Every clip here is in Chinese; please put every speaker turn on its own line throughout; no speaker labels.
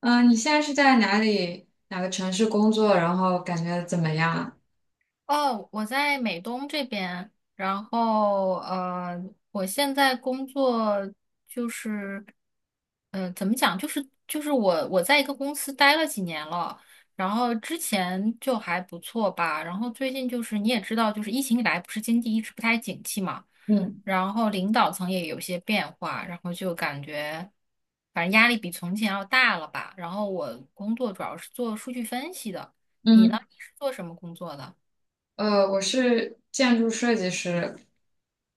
你现在是在哪个城市工作？然后感觉怎么样啊？
哦，我在美东这边，然后我现在工作就是，怎么讲，就是我在一个公司待了几年了，然后之前就还不错吧，然后最近就是你也知道，就是疫情以来不是经济一直不太景气嘛，
嗯
然后领导层也有些变化，然后就感觉反正压力比从前要大了吧，然后我工作主要是做数据分析的。你呢？
嗯，
你是做什么工作的？
我是建筑设计师。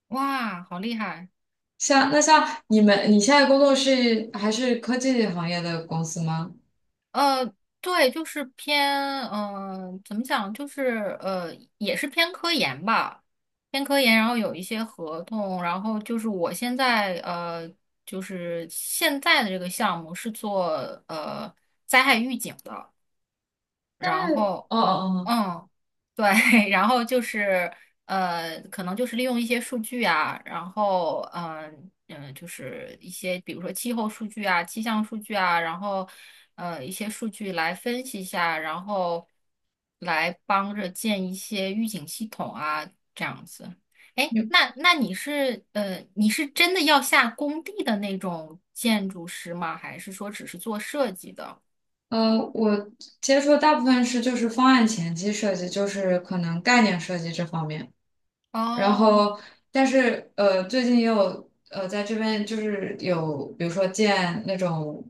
哇，好厉害！
像你们，你现在工作是还是科技行业的公司吗？
呃，对，就是偏，怎么讲，就是也是偏科研吧，偏科研，然后有一些合同，然后就是我现在就是现在的这个项目是做呃灾害预警的，然后。
哦哦哦，
嗯，对，然后就是可能就是利用一些数据啊，然后就是一些比如说气候数据啊、气象数据啊，然后一些数据来分析一下，然后来帮着建一些预警系统啊，这样子。哎，
你
那你是你是真的要下工地的那种建筑师吗？还是说只是做设计的？
我接触的大部分是就是方案前期设计，就是可能概念设计这方面。然
哦
后，但是最近也有在这边就是有，比如说建那种，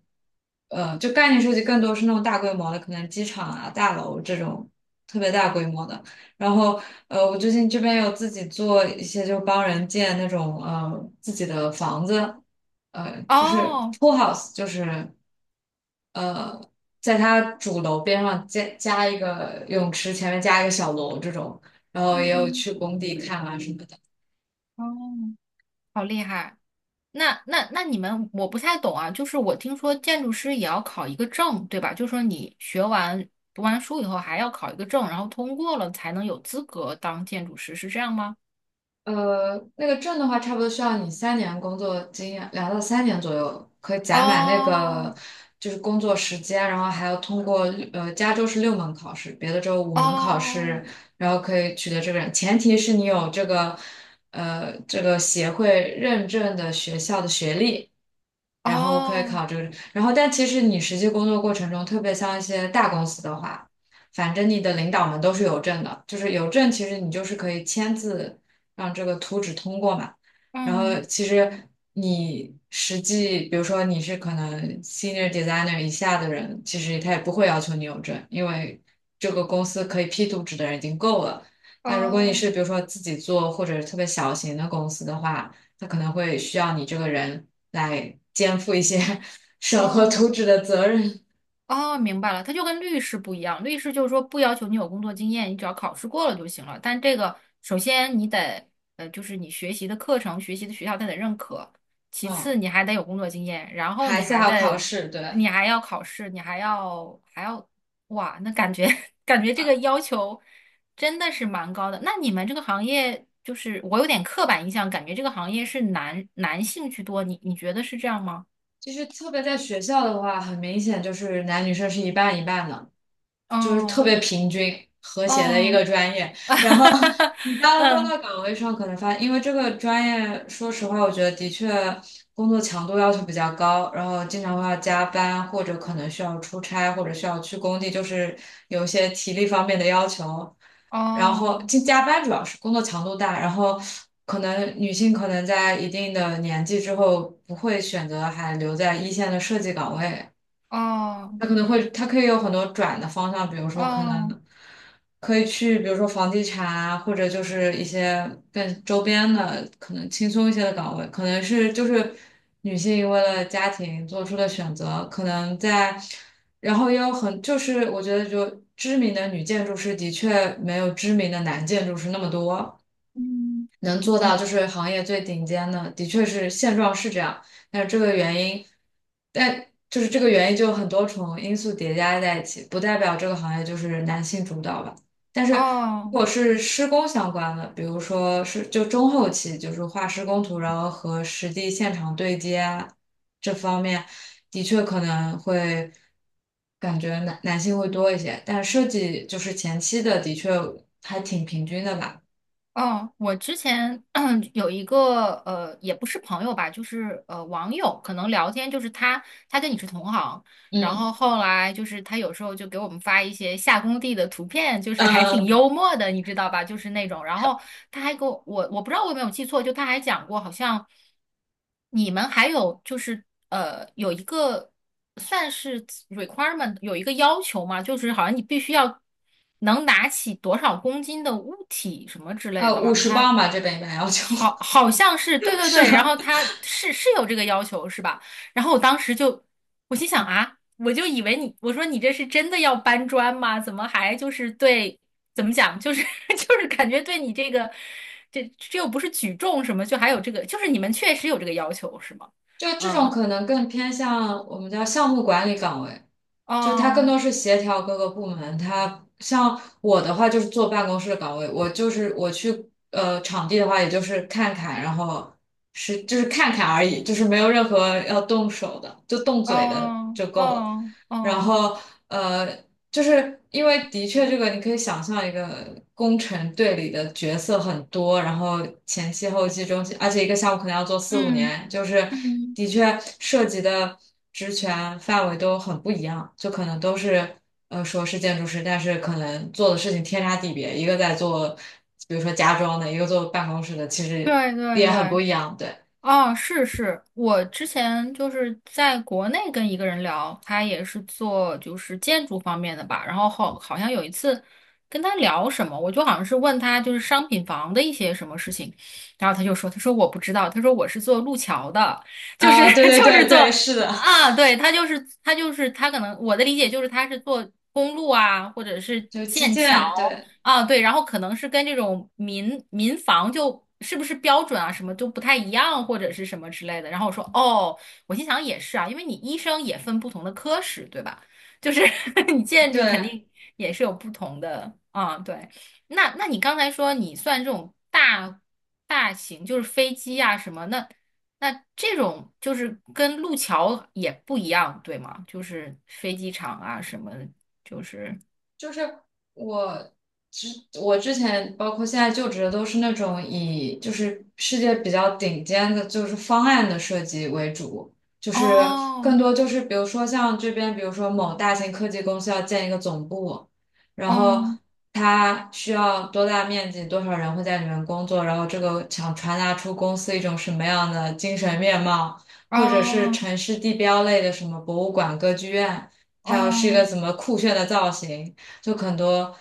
就概念设计更多是那种大规模的，可能机场啊、大楼这种特别大规模的。然后，我最近这边有自己做一些，就帮人建那种自己的房子，就是
哦，
pool house，就是呃，在它主楼边上加一个泳池，前面加一个小楼这种。然后也有
嗯，
去工地看啊什么。
哦。好厉害！那你们我不太懂啊，就是我听说建筑师也要考一个证，对吧？就是说你学完读完书以后还要考一个证，然后通过了才能有资格当建筑师，是这样吗？
那个证的话，差不多需要你三年工作经验，2到3年左右，可以攒满那个
哦
就是工作时间，然后还要通过加州是6门考试，别的州5门考
哦
试，然后可以取得这个证。前提是你有这个协会认证的学校的学历，然后可以
哦，
考这个。然后，但其实你实际工作过程中，特别像一些大公司的话。反正你的领导们都是有证的，就是有证，其实你就是可以签字让这个图纸通过嘛。然后
嗯，
其实你实际，比如说你是可能 senior designer 以下的人，其实他也不会要求你有证，因为这个公司可以批图纸的人已经够了。但如果你是
哦
比如说自己做或者特别小型的公司的话，他可能会需要你这个人来肩负一些
哦
审核
哦。
图纸的责任。
哦，明白了，他就跟律师不一样。律师就是说不要求你有工作经验，你只要考试过了就行了。但这个首先你得，就是你学习的课程、学习的学校他得认可，其次
嗯，
你还得有工作经验，然后
还
你
是
还
要考
得，
试，对。
你还要考试，你还要，哇，那感觉 感觉这个要求真的是蛮高的。那你们这个行业就是我有点刻板印象，感觉这个行业是男性居多，你觉得是这样吗？
就是特别在学校的话，很明显就是男女生是一半一半的，就是特
哦
别平均和谐的一
哦。
个专业。
哈哈哈，
你到了工
嗯，
作岗位上，可能发现因为这个专业，说实话，我觉得的确工作强度要求比较高，然后经常会要加班，或者可能需要出差，或者需要去工地，就是有一些体力方面的要求。然后
哦，
进加班主要是工作强度大，然后可能女性可能在一定的年纪之后不会选择还留在一线的设计岗位，
哦，
它可以有很多转的方向，比如说可
哦，
能可以去，比如说房地产啊，或者就是一些更周边的，可能轻松一些的岗位，可能是就是女性为了家庭做出的选择，可能在，然后也有就是我觉得就知名的女建筑师的确没有知名的男建筑师那么多，
嗯，
能做到
我，
就是行业最顶尖的，的确是现状是这样，但是这个原因，但就是这个原因就很多重因素叠加在一起，不代表这个行业就是男性主导吧。但是如
哦，
果是施工相关的，比如说是就中后期，就是画施工图，然后和实地现场对接啊这方面，的确可能会感觉男性会多一些，但设计就是前期的，的确还挺平均的吧。
哦，我之前 有一个也不是朋友吧，就是网友，可能聊天就是他跟你是同行，然后
嗯，
后来就是他有时候就给我们发一些下工地的图片，就是还挺
呃
幽默的，你知道吧？就是那种，然后他还给我，我不知道我有没有记错，就他还讲过，好像你们还有就是有一个算是 requirement， 有一个要求嘛，就是好像你必须要能拿起多少公斤的物体什么之类的，好
五
像
十磅
他
吧，这边一般要求。
好像是对 对
是
对，然
的，
后他是有这个要求是吧？然后我当时就，我心想啊，我就以为你，我说你这是真的要搬砖吗？怎么还就是对，怎么讲，就是 就是感觉对你这个，这又不是举重什么，就还有这个，就是你们确实有这个要求是吗？
就这种
嗯，
可能更偏向我们叫项目管理岗位，就它更
哦
多是协调各个部门。它像我的话就是坐办公室的岗位，我就是我去场地的话，也就是看看，然后是就是看看而已，就是没有任何要动手的，就动嘴的
哦
就够了。
哦
然
哦，
后。呃。就是因为的确，这个你可以想象一个工程队里的角色很多，然后前期、后期、中期，而且一个项目可能要做四五
嗯
年，就是
嗯，
的确涉及的职权范围都很不一样，就可能都是说是建筑师，但是可能做的事情天差地别，一个在做比如说家装的，一个做办公室的，其实
对对
也很不
对。
一样，对。
哦，是是，我之前就是在国内跟一个人聊，他也是做就是建筑方面的吧，然后好像有一次跟他聊什么，我就好像是问他就是商品房的一些什么事情，然后他说我不知道，他说我是做路桥的，就是
啊，对 对
就是
对对，
做
是的，
啊，对，他就是他就是他可能我的理解就是他是做公路啊，或者是
就基
建桥。
建，对
啊，对，然后可能是跟这种民房就是不是标准啊，什么都不太一样，或者是什么之类的。然后我说，哦，我心想也是啊，因为你医生也分不同的科室，对吧？就是 你建筑肯
对，
定也是有不同的啊，对。那你刚才说你算这种大型，就是飞机啊什么，那这种就是跟路桥也不一样，对吗？就是飞机场啊什么，就是
就是我之我之前包括现在就职的都是那种以就是世界比较顶尖的，就是方案的设计为主，就是更
哦，
多就是比如说像这边，比如说某大型科技公司要建一个总部，然后
嗯。
它需要多大面积，多少人会在里面工作，然后这个想传达出公司一种什么样的精神面貌，或
哦
者是城市地标类的什么博物馆、歌剧院。它要是一个
哦
怎么酷炫的造型，就很多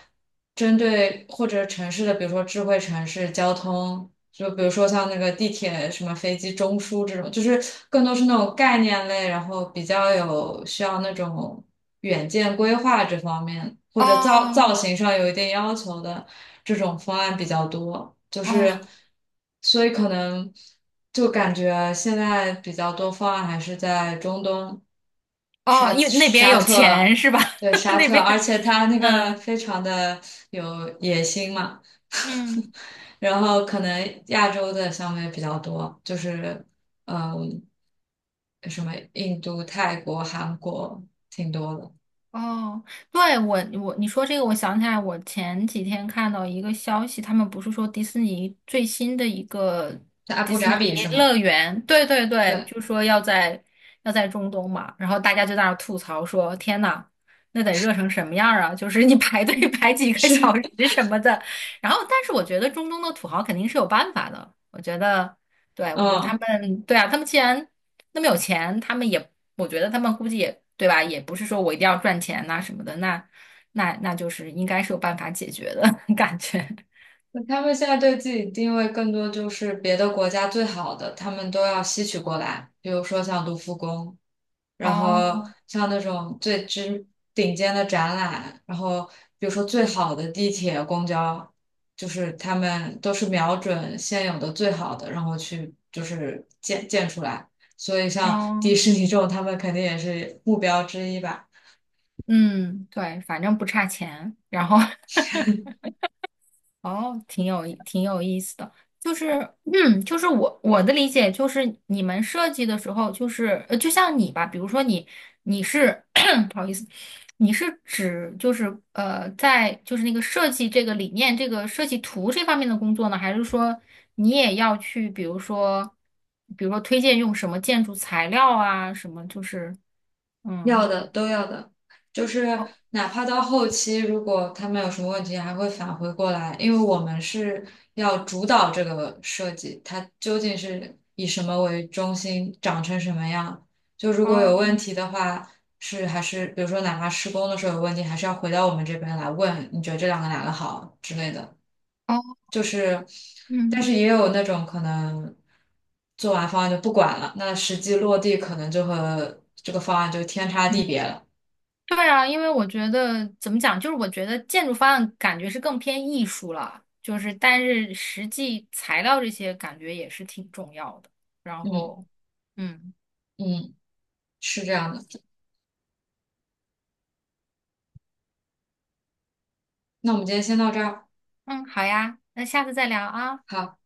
针对或者城市的，比如说智慧城市、交通，就比如说像那个地铁、什么飞机、中枢这种，就是更多是那种概念类，然后比较有需要那种远见规划这方面，或者造造
哦
型上有一定要求的这种方案比较多，就
哦
是所以可能就感觉现在比较多方案还是在中东。
哦，
沙
因为那边
沙
有钱
特，
是吧？
对 沙
那
特，而
边，
且他那个
嗯
非常的有野心嘛，
嗯。
然后可能亚洲的项目也比较多，就是嗯，什么印度、泰国、韩国挺多的，
哦，对，我你说这个，我想起来，我前几天看到一个消息，他们不是说迪士尼最新的一个
在阿
迪
布
士
扎
尼
比是吗？
乐园，对对对，
对，
就说要在中东嘛，然后大家就在那儿吐槽说，天呐，那得热成什么样儿啊！就是你排队 排几个小
是，
时什么的。然后，但是我觉得中东的土豪肯定是有办法的，我觉得，对，我觉得他
嗯。
们，对啊，他们既然那么有钱，他们也，我觉得他们估计也，对吧？也不是说我一定要赚钱呐、什么的，那就是应该是有办法解决的 感觉。
他们现在对自己定位更多就是别的国家最好的，他们都要吸取过来，比如说像卢浮宫，然后
哦
像那种最知顶尖的展览，然后比如说最好的地铁、公交，就是他们都是瞄准现有的最好的，然后去就是建出来。所以像迪
哦，
士尼这种，他们肯定也是目标之一吧。
嗯，对，反正不差钱，然后 哦，挺有意思的，就是，就是我的理解就是，你们设计的时候，就是就像你吧，比如说你是 不好意思，你是指就是在就是那个设计这个理念、这个设计图这方面的工作呢，还是说你也要去，比如说推荐用什么建筑材料啊，什么就是
要
嗯，
的都要的，就是
哦
哪怕到后期，如果他们有什么问题，还会返回过来，因为我们是要主导这个设计，它究竟是以什么为中心，长成什么样。就如果有问
哦
题的话，是还是比如说哪怕施工的时候有问题，还是要回到我们这边来问，你觉得这两个哪个好之类的。
哦，
就是，但
嗯。
是也有那种可能做完方案就不管了，那实际落地可能就和这个方案就天差地别了。
对啊，因为我觉得怎么讲，就是我觉得建筑方案感觉是更偏艺术了，就是但是实际材料这些感觉也是挺重要的。然
嗯
后，嗯
嗯，是这样的。那我们今天先到这儿，
嗯，好呀，那下次再聊啊。
好。